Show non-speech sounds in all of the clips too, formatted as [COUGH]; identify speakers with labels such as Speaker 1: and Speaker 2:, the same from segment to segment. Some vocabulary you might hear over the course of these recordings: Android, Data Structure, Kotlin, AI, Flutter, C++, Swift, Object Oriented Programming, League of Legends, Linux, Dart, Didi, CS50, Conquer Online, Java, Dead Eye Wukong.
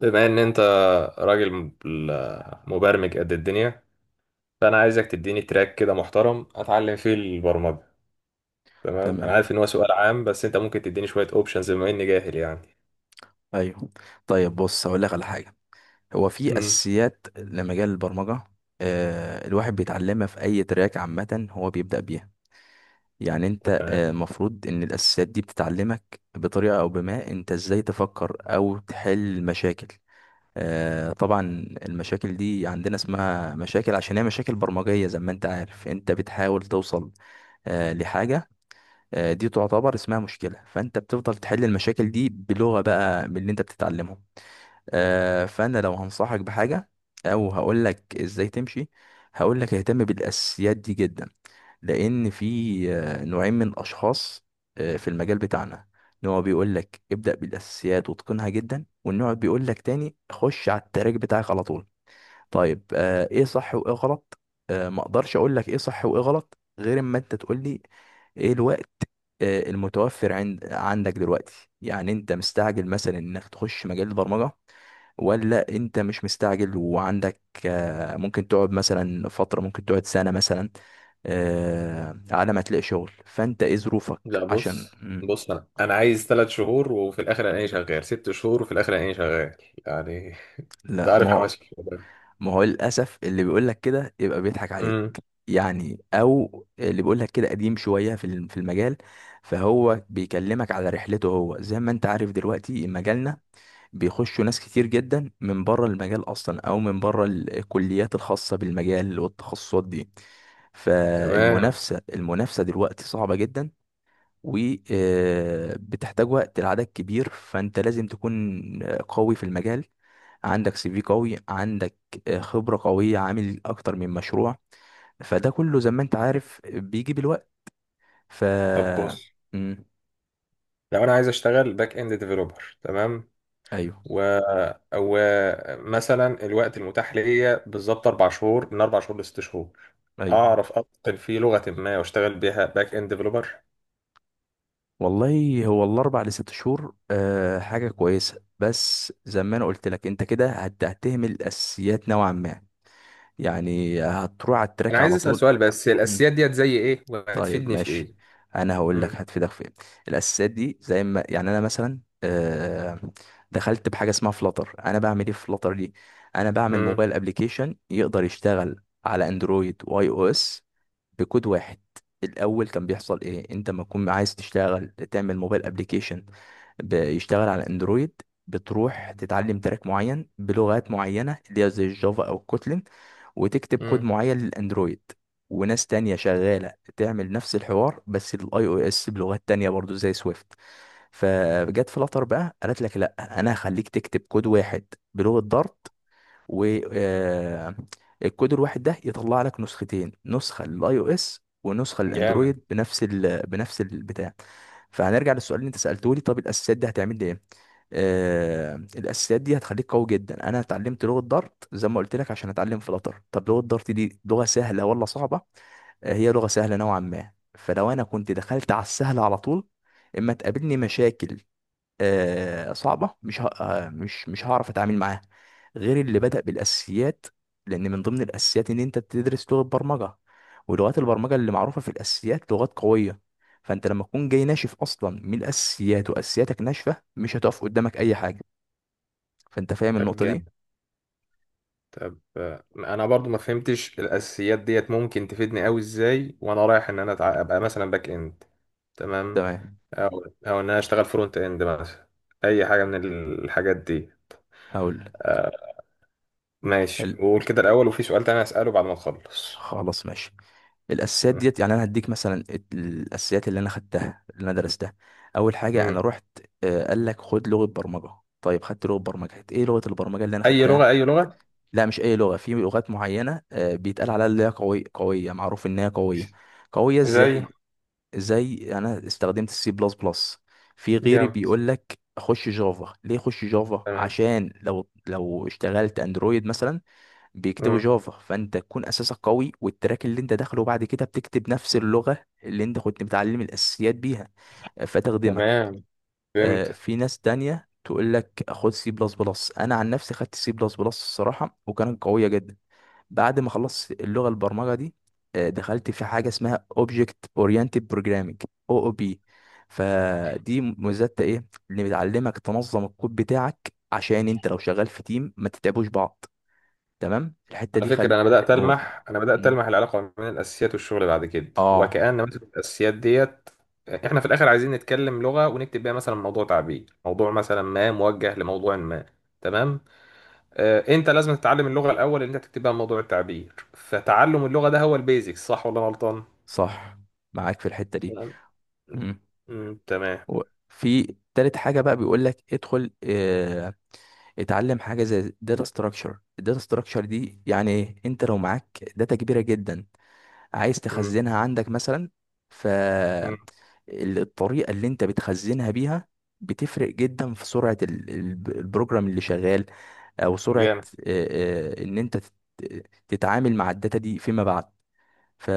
Speaker 1: بما ان انت راجل مبرمج قد الدنيا، فانا عايزك تديني تراك كده محترم اتعلم فيه البرمجة. تمام، انا
Speaker 2: تمام.
Speaker 1: عارف ان هو سؤال عام، بس انت ممكن تديني شوية اوبشنز بما اني جاهل يعني.
Speaker 2: ايوه. طيب بص، هقول لك على حاجه. هو في
Speaker 1: امم
Speaker 2: اساسيات لمجال البرمجه الواحد بيتعلمها في اي تراك، عامه هو بيبدا بيها. يعني انت،
Speaker 1: تمام.
Speaker 2: المفروض ان الاساسيات دي بتتعلمك بطريقه، او بما انت ازاي تفكر او تحل مشاكل. آه طبعا. المشاكل دي عندنا اسمها مشاكل عشان هي مشاكل برمجيه. زي ما انت عارف، انت بتحاول توصل لحاجه، دي تعتبر اسمها مشكله، فانت بتفضل تحل المشاكل دي بلغه بقى من اللي انت بتتعلمه. فانا لو هنصحك بحاجه او هقول لك ازاي تمشي، هقول لك اهتم بالاساسيات دي جدا. لان في نوعين من الاشخاص في المجال بتاعنا. نوع بيقول لك ابدا بالاساسيات واتقنها جدا، والنوع بيقول لك تاني خش على التراك بتاعك على طول. طيب ايه صح وايه غلط؟ ما اقدرش اقول لك ايه صح وايه غلط غير اما انت تقول لي ايه الوقت المتوفر عندك دلوقتي. يعني انت مستعجل مثلا انك تخش مجال البرمجه، ولا انت مش مستعجل وعندك ممكن تقعد مثلا فترة، ممكن تقعد سنة مثلا على ما تلاقي شغل؟ فانت ايه ظروفك؟
Speaker 1: لا
Speaker 2: عشان
Speaker 1: بص. بص انا عايز ثلاث شهور وفي الاخر الاقيني شغال، ست شهور وفي الاخر الاقيني شغال يعني. انت
Speaker 2: لا
Speaker 1: عارف
Speaker 2: ما هو
Speaker 1: حماسي الشباب.
Speaker 2: ما هو للأسف اللي بيقول لك كده يبقى بيضحك عليك،
Speaker 1: امم
Speaker 2: يعني. او اللي بيقول لك كده قديم شوية في المجال، فهو بيكلمك على رحلته هو. زي ما انت عارف، دلوقتي مجالنا بيخشوا ناس كتير جدا من بره المجال اصلا، او من بره الكليات الخاصه بالمجال والتخصصات دي.
Speaker 1: تمام.
Speaker 2: فالمنافسه دلوقتي صعبه جدا، وبتحتاج وقت لعدد كبير. فانت لازم تكون قوي في المجال، عندك سي في قوي، عندك خبره قويه، عامل اكتر من مشروع. فده كله زي ما انت عارف بيجي بالوقت. ف
Speaker 1: طب بص،
Speaker 2: مم.
Speaker 1: لو انا عايز اشتغل باك اند ديفلوبر، تمام،
Speaker 2: ايوه.
Speaker 1: و... ومثلا الوقت المتاح ليا بالظبط اربع شهور، من اربع شهور لست شهور
Speaker 2: ايوه،
Speaker 1: اعرف اتقن في لغه ما واشتغل بيها باك اند ديفلوبر.
Speaker 2: والله هو الاربع لست شهور حاجه كويسه، بس زي ما انا قلت لك، انت كده هتهمل الاساسيات نوعا ما، يعني هتروح على
Speaker 1: انا
Speaker 2: التراك
Speaker 1: عايز
Speaker 2: على
Speaker 1: اسال
Speaker 2: طول.
Speaker 1: سؤال بس، هي
Speaker 2: مم.
Speaker 1: الاساسيات ديت زي ايه
Speaker 2: طيب
Speaker 1: وهتفيدني في
Speaker 2: ماشي،
Speaker 1: ايه؟
Speaker 2: انا هقول لك
Speaker 1: امم
Speaker 2: هتفيدك في ايه. الاساسيات دي زي ما، يعني انا مثلا دخلت بحاجه اسمها فلاتر. انا بعمل ايه في فلاتر دي؟ انا بعمل
Speaker 1: امم
Speaker 2: موبايل ابلكيشن يقدر يشتغل على اندرويد واي او اس بكود واحد. الاول كان بيحصل ايه؟ انت ما تكون عايز تشتغل تعمل موبايل ابلكيشن بيشتغل على اندرويد، بتروح تتعلم تراك معين بلغات معينه اللي هي زي الجافا او الكوتلين، وتكتب كود
Speaker 1: امم.
Speaker 2: معين للاندرويد. وناس تانية شغالة تعمل نفس الحوار بس للاي او اس بلغات تانية برضو زي سويفت. فجت فلاتر بقى قالت لك لا، انا هخليك تكتب كود واحد بلغة دارت، والكود الواحد ده يطلع لك نسختين، نسخه للاي او اس ونسخه
Speaker 1: جامد.
Speaker 2: للاندرويد بنفس بنفس البتاع. فهنرجع للسؤال اللي انت سالته لي، طب الاساسيات دي هتعمل لي ايه؟ آه الاساسيات دي هتخليك قوي جدا. انا اتعلمت لغه دارت زي ما قلت لك عشان اتعلم فلاتر. طب لغه دارت دي لغه سهله ولا صعبه؟ آه هي لغه سهله نوعا ما. فلو انا كنت دخلت على السهل على طول، اما تقابلني مشاكل صعبة، مش ه... آه، مش مش هعرف اتعامل معاها، غير اللي بدأ بالاساسيات. لان من ضمن الاساسيات ان انت تدرس لغة برمجة، ولغات البرمجة اللي معروفة في الاساسيات لغات قوية. فانت لما تكون جاي ناشف اصلا من الاساسيات، واساسياتك ناشفة، مش هتقف قدامك اي حاجة. فانت فاهم
Speaker 1: طب
Speaker 2: النقطة دي؟
Speaker 1: جامد. طب انا برضو ما فهمتش الاساسيات ديت ممكن تفيدني قوي ازاي وانا رايح ان انا ابقى مثلا باك اند. تمام.
Speaker 2: تمام،
Speaker 1: او، او ان انا اشتغل فرونت اند مثلا، اي حاجه من الحاجات دي.
Speaker 2: هقول لك.
Speaker 1: ماشي،
Speaker 2: ال-
Speaker 1: وقول كده الأول، وفي سؤال تاني هسأله بعد ما نخلص.
Speaker 2: خلاص ماشي. الاساسيات
Speaker 1: مم.
Speaker 2: ديت، يعني انا هديك مثلا الاساسيات اللي انا خدتها، اللي انا درستها. اول حاجه
Speaker 1: مم.
Speaker 2: انا رحت قال لك خد لغه برمجه. طيب خدت لغه برمجه، ايه لغه البرمجه اللي انا
Speaker 1: أي
Speaker 2: خدتها؟
Speaker 1: لغة، أي لغة؟
Speaker 2: لا مش اي لغه، في لغات معينه بيتقال عليها اللي هي قويه قويه، معروف ان هي قويه. قويه
Speaker 1: زي.
Speaker 2: ازاي؟ زي انا استخدمت السي بلس بلس. في غيري
Speaker 1: جامد.
Speaker 2: بيقول لك خش جافا. ليه خش جافا؟
Speaker 1: تمام.
Speaker 2: عشان لو اشتغلت اندرويد مثلا بيكتبوا
Speaker 1: مم.
Speaker 2: جافا، فانت تكون اساسك قوي، والتراك اللي انت داخله بعد كده بتكتب نفس اللغه اللي انت كنت متعلم الاساسيات بيها، فتخدمك.
Speaker 1: تمام، فهمت.
Speaker 2: في ناس تانية تقول لك خد سي بلس بلس. انا عن نفسي خدت سي بلس بلس الصراحه، وكانت قويه جدا. بعد ما خلصت اللغه البرمجه دي، دخلت في حاجه اسمها اوبجكت اورينتد بروجرامنج، او او بي. فدي ميزتها ايه؟ اللي بتعلمك تنظم الكود بتاعك، عشان انت لو شغال في تيم ما تتعبوش بعض. تمام الحتة
Speaker 1: على
Speaker 2: دي،
Speaker 1: فكرة،
Speaker 2: خل،
Speaker 1: أنا بدأت
Speaker 2: قول.
Speaker 1: ألمح أنا بدأت
Speaker 2: مم.
Speaker 1: ألمح العلاقة بين الأساسيات والشغل بعد كده،
Speaker 2: اه.
Speaker 1: وكأن مثلا الأساسيات ديت، إحنا في الآخر عايزين نتكلم لغة ونكتب بيها مثلا موضوع تعبير، موضوع مثلا ما موجه لموضوع ما. تمام. أنت لازم تتعلم اللغة الأول اللي أنت تكتب بيها موضوع التعبير، فتعلم اللغة ده هو البيزكس، صح ولا أنا غلطان؟
Speaker 2: صح، معاك في الحتة دي.
Speaker 1: تمام.
Speaker 2: مم.
Speaker 1: مم، تمام.
Speaker 2: وفي تالت حاجة بقى بيقول لك ادخل اه اتعلم حاجة زي داتا ستراكشر. الداتا ستراكشر دي يعني ايه؟ انت لو معاك داتا كبيرة جدا عايز
Speaker 1: مم.
Speaker 2: تخزنها عندك مثلا، ف
Speaker 1: مم.
Speaker 2: الطريقة اللي انت بتخزنها بيها بتفرق جدا في سرعة البروجرام اللي شغال، او سرعة
Speaker 1: جامد.
Speaker 2: اه، اه، ان انت تتعامل مع الداتا دي فيما بعد. ف...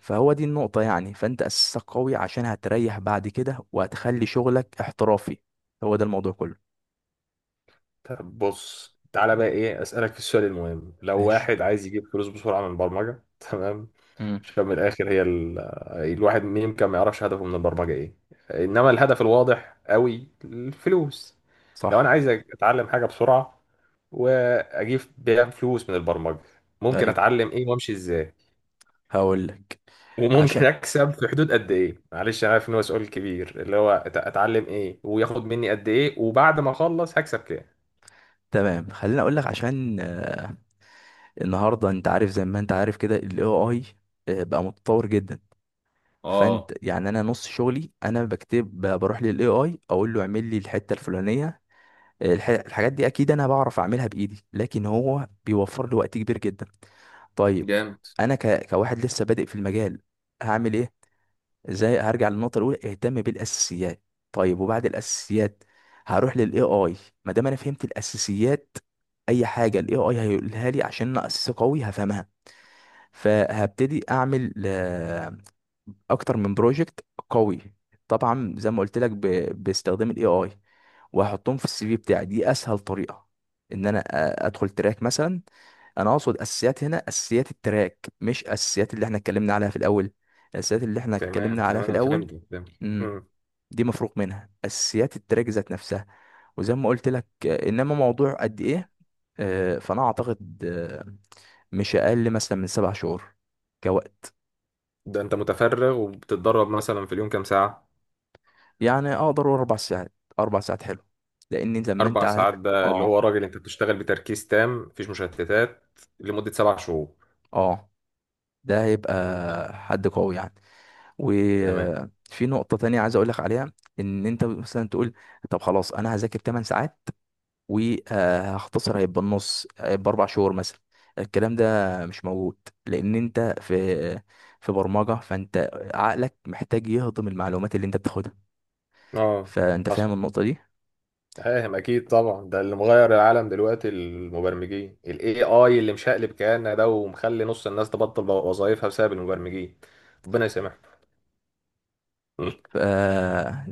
Speaker 2: فهو دي النقطة، يعني. فأنت أساسك قوي، عشان هتريح بعد كده وهتخلي شغلك احترافي. هو ده الموضوع كله.
Speaker 1: طب بص تعالى بقى، ايه، اسالك السؤال المهم؟ لو
Speaker 2: ماشي.
Speaker 1: واحد عايز يجيب فلوس بسرعه من البرمجه [LAUGHS] تمام،
Speaker 2: امم.
Speaker 1: عشان من الاخر، الواحد يمكن ما يعرفش هدفه من البرمجه ايه، انما الهدف الواضح قوي الفلوس. لو انا
Speaker 2: صح.
Speaker 1: عايز اتعلم حاجه بسرعه واجيب بيها فلوس من البرمجه، ممكن
Speaker 2: أيوه،
Speaker 1: اتعلم ايه وامشي ازاي،
Speaker 2: هقول لك.
Speaker 1: وممكن
Speaker 2: عشان
Speaker 1: اكسب في حدود قد ايه؟ معلش انا عارف ان هو سؤال كبير، اللي هو اتعلم ايه، وياخد مني قد ايه، وبعد ما اخلص هكسب كام.
Speaker 2: تمام خليني أقول لك عشان آه، النهاردة أنت عارف، زي ما أنت عارف كده، ال AI بقى متطور جدا. فأنت
Speaker 1: اه.
Speaker 2: يعني، أنا نص شغلي أنا بكتب بروح لل AI أقول له اعمل لي الحتة الفلانية. الحاجات دي اكيد انا بعرف اعملها بايدي، لكن هو بيوفر لي وقت كبير جدا. طيب
Speaker 1: جامد.
Speaker 2: انا كواحد لسه بادئ في المجال، هعمل ايه؟ ازاي؟ هرجع للنقطه الاولى، اهتم بالاساسيات. طيب وبعد الاساسيات؟ هروح للاي اي. ما دام انا فهمت الاساسيات، اي حاجه الاي اي هيقولها لي عشان انا اساس قوي هفهمها. فهبتدي اعمل اكتر من بروجكت قوي، طبعا زي ما قلت لك، باستخدام الاي اي. وهحطهم في السي في بتاعي، دي اسهل طريقه ان انا ادخل تراك مثلا. انا اقصد اساسيات هنا اساسيات التراك، مش اساسيات اللي احنا اتكلمنا عليها في الاول. الاساسيات اللي احنا
Speaker 1: تمام،
Speaker 2: اتكلمنا عليها
Speaker 1: تمام،
Speaker 2: في
Speaker 1: أنا
Speaker 2: الاول،
Speaker 1: فهمت، فهمت.
Speaker 2: امم،
Speaker 1: مم.
Speaker 2: دي مفروغ منها. اساسيات التراك ذات نفسها، وزي ما قلت لك انما موضوع قد ايه؟ فانا اعتقد مش اقل مثلا من 7 شهور كوقت.
Speaker 1: ده انت متفرغ وبتتدرب مثلا في اليوم كام ساعة؟
Speaker 2: يعني اقدر أقول 4 ساعات. 4 ساعات حلو، لان زي ما انت
Speaker 1: أربع ساعات،
Speaker 2: عارف
Speaker 1: ده اللي هو
Speaker 2: اه،
Speaker 1: راجل أنت بتشتغل بتركيز تام مفيش مشتتات لمدة سبع شهور.
Speaker 2: اه، ده هيبقى
Speaker 1: مم.
Speaker 2: حد قوي يعني.
Speaker 1: تمام.
Speaker 2: وفي نقطة تانية عايز اقول لك عليها. ان انت مثلا تقول طب خلاص انا هذاكر 8 ساعات وهختصر، هيبقى النص، هيبقى 4 شهور مثلا. الكلام ده مش موجود، لان انت في برمجة، فانت عقلك محتاج يهضم المعلومات اللي انت بتاخدها.
Speaker 1: اه،
Speaker 2: فانت فاهم
Speaker 1: حصل.
Speaker 2: النقطة دي؟
Speaker 1: فاهم، أكيد طبعا، ده اللي مغير العالم دلوقتي المبرمجين ال AI، اللي مشقلب كياننا ده ومخلي نص الناس تبطل وظائفها بسبب المبرمجين. ربنا يسامحهم. [LAUGHS] مم.
Speaker 2: ف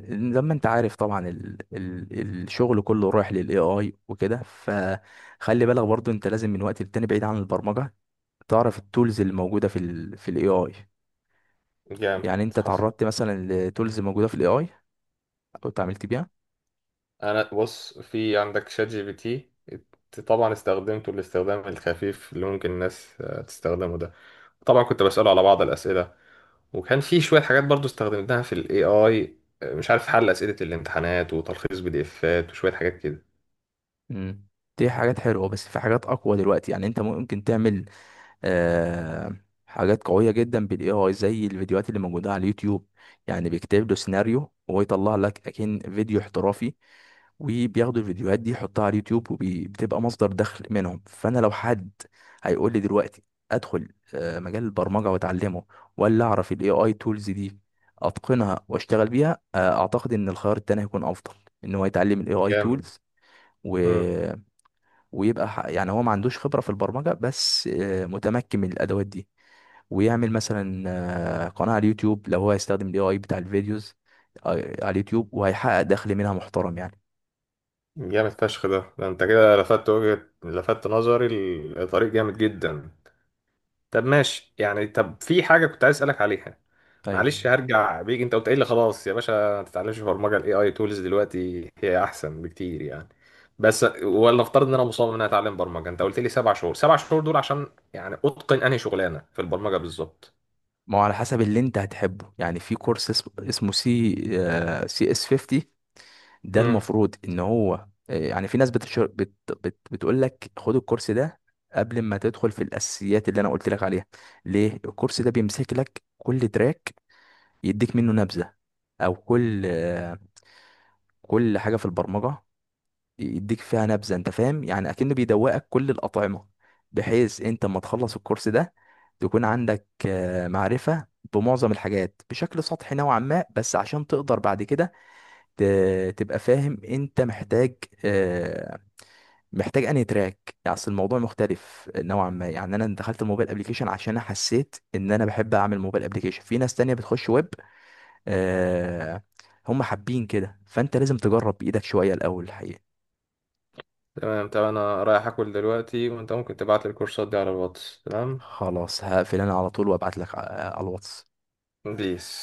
Speaker 2: زي ما انت عارف طبعا الشغل كله رايح للاي اي وكده. فخلي بالك برضو، انت لازم من وقت للتاني، بعيد عن البرمجه، تعرف التولز اللي موجوده في الاي اي.
Speaker 1: جامد،
Speaker 2: يعني انت
Speaker 1: حصل.
Speaker 2: تعرضت مثلا لتولز موجوده في الاي اي، او اتعاملت بيها؟
Speaker 1: انا بص، في عندك شات جي بي تي، طبعا استخدمته الاستخدام الخفيف اللي ممكن الناس تستخدمه ده. طبعا كنت بسأله على بعض الأسئلة، وكان في شوية حاجات برضو استخدمتها في الاي اي. مش عارف، حل أسئلة الامتحانات، وتلخيص بي دي افات، وشوية حاجات كده.
Speaker 2: امم، دي حاجات حلوه، بس في حاجات اقوى دلوقتي. يعني انت ممكن تعمل آه... حاجات قويه جدا بالاي اي، زي الفيديوهات اللي موجوده على اليوتيوب. يعني بيكتب له سيناريو وهو يطلع لك اكن فيديو احترافي، وبياخدوا الفيديوهات دي يحطها على اليوتيوب وبتبقى مصدر دخل منهم. فانا لو حد هيقول لي دلوقتي ادخل مجال البرمجه واتعلمه، ولا اعرف الاي اي تولز دي اتقنها واشتغل بيها، اعتقد ان الخيار التاني هيكون افضل، ان هو يتعلم الاي اي
Speaker 1: جامد.
Speaker 2: تولز. و...
Speaker 1: مم.
Speaker 2: ويبقى يعني هو ما عندوش خبره في البرمجه، بس متمكن من الادوات دي، ويعمل مثلا قناه على اليوتيوب لو هو هيستخدم الاي اي بتاع الفيديوز آه، على اليوتيوب، وهيحقق دخل منها محترم يعني.
Speaker 1: جامد فشخ، ده انت كده لفت وجهة، لفت نظري لطريق جامد جدا. طب ماشي يعني، طب في حاجة كنت عايز أسألك عليها،
Speaker 2: أيوة.
Speaker 1: معلش هرجع بيك. أنت قلت لي خلاص يا باشا ما تتعلمش برمجة، ال AI tools دلوقتي هي أحسن بكتير يعني، بس ولا افترض إن أنا مصمم إن أنا أتعلم برمجة، أنت قلت لي سبع شهور، سبع شهور دول عشان يعني أتقن أنهي شغلانة في البرمجة بالظبط؟
Speaker 2: ما هو على حسب اللي انت هتحبه. يعني في كورس اسمه سي سي اس 50. ده
Speaker 1: امم
Speaker 2: المفروض ان هو يعني في ناس بتقول لك خد الكورس ده قبل ما تدخل في الاساسيات اللي انا قلت لك عليها. ليه الكورس ده؟ بيمسك لك كل تراك يديك منه نبذة، او كل كل حاجة في البرمجة يديك فيها نبذه. انت فاهم؟ يعني اكنه بيدوقك كل الاطعمه، بحيث انت ما تخلص الكورس ده تكون عندك معرفه بمعظم الحاجات بشكل سطحي نوعا ما، بس عشان تقدر بعد كده تبقى فاهم انت محتاج آه، محتاج انهي تراك. يعني اصل الموضوع مختلف نوعا ما. يعني انا دخلت الموبايل ابلكيشن عشان انا حسيت ان انا بحب اعمل موبايل ابلكيشن، في ناس تانية بتخش ويب آه، هم حابين كده. فانت لازم تجرب بايدك شويه الاول الحقيقه.
Speaker 1: تمام. طب أنا رايح آكل دلوقتي، وأنت ممكن تبعت لي الكورسات دي على الواتس. تمام،
Speaker 2: خلاص هقفل انا على طول، وابعت لك على على الواتس
Speaker 1: بيس.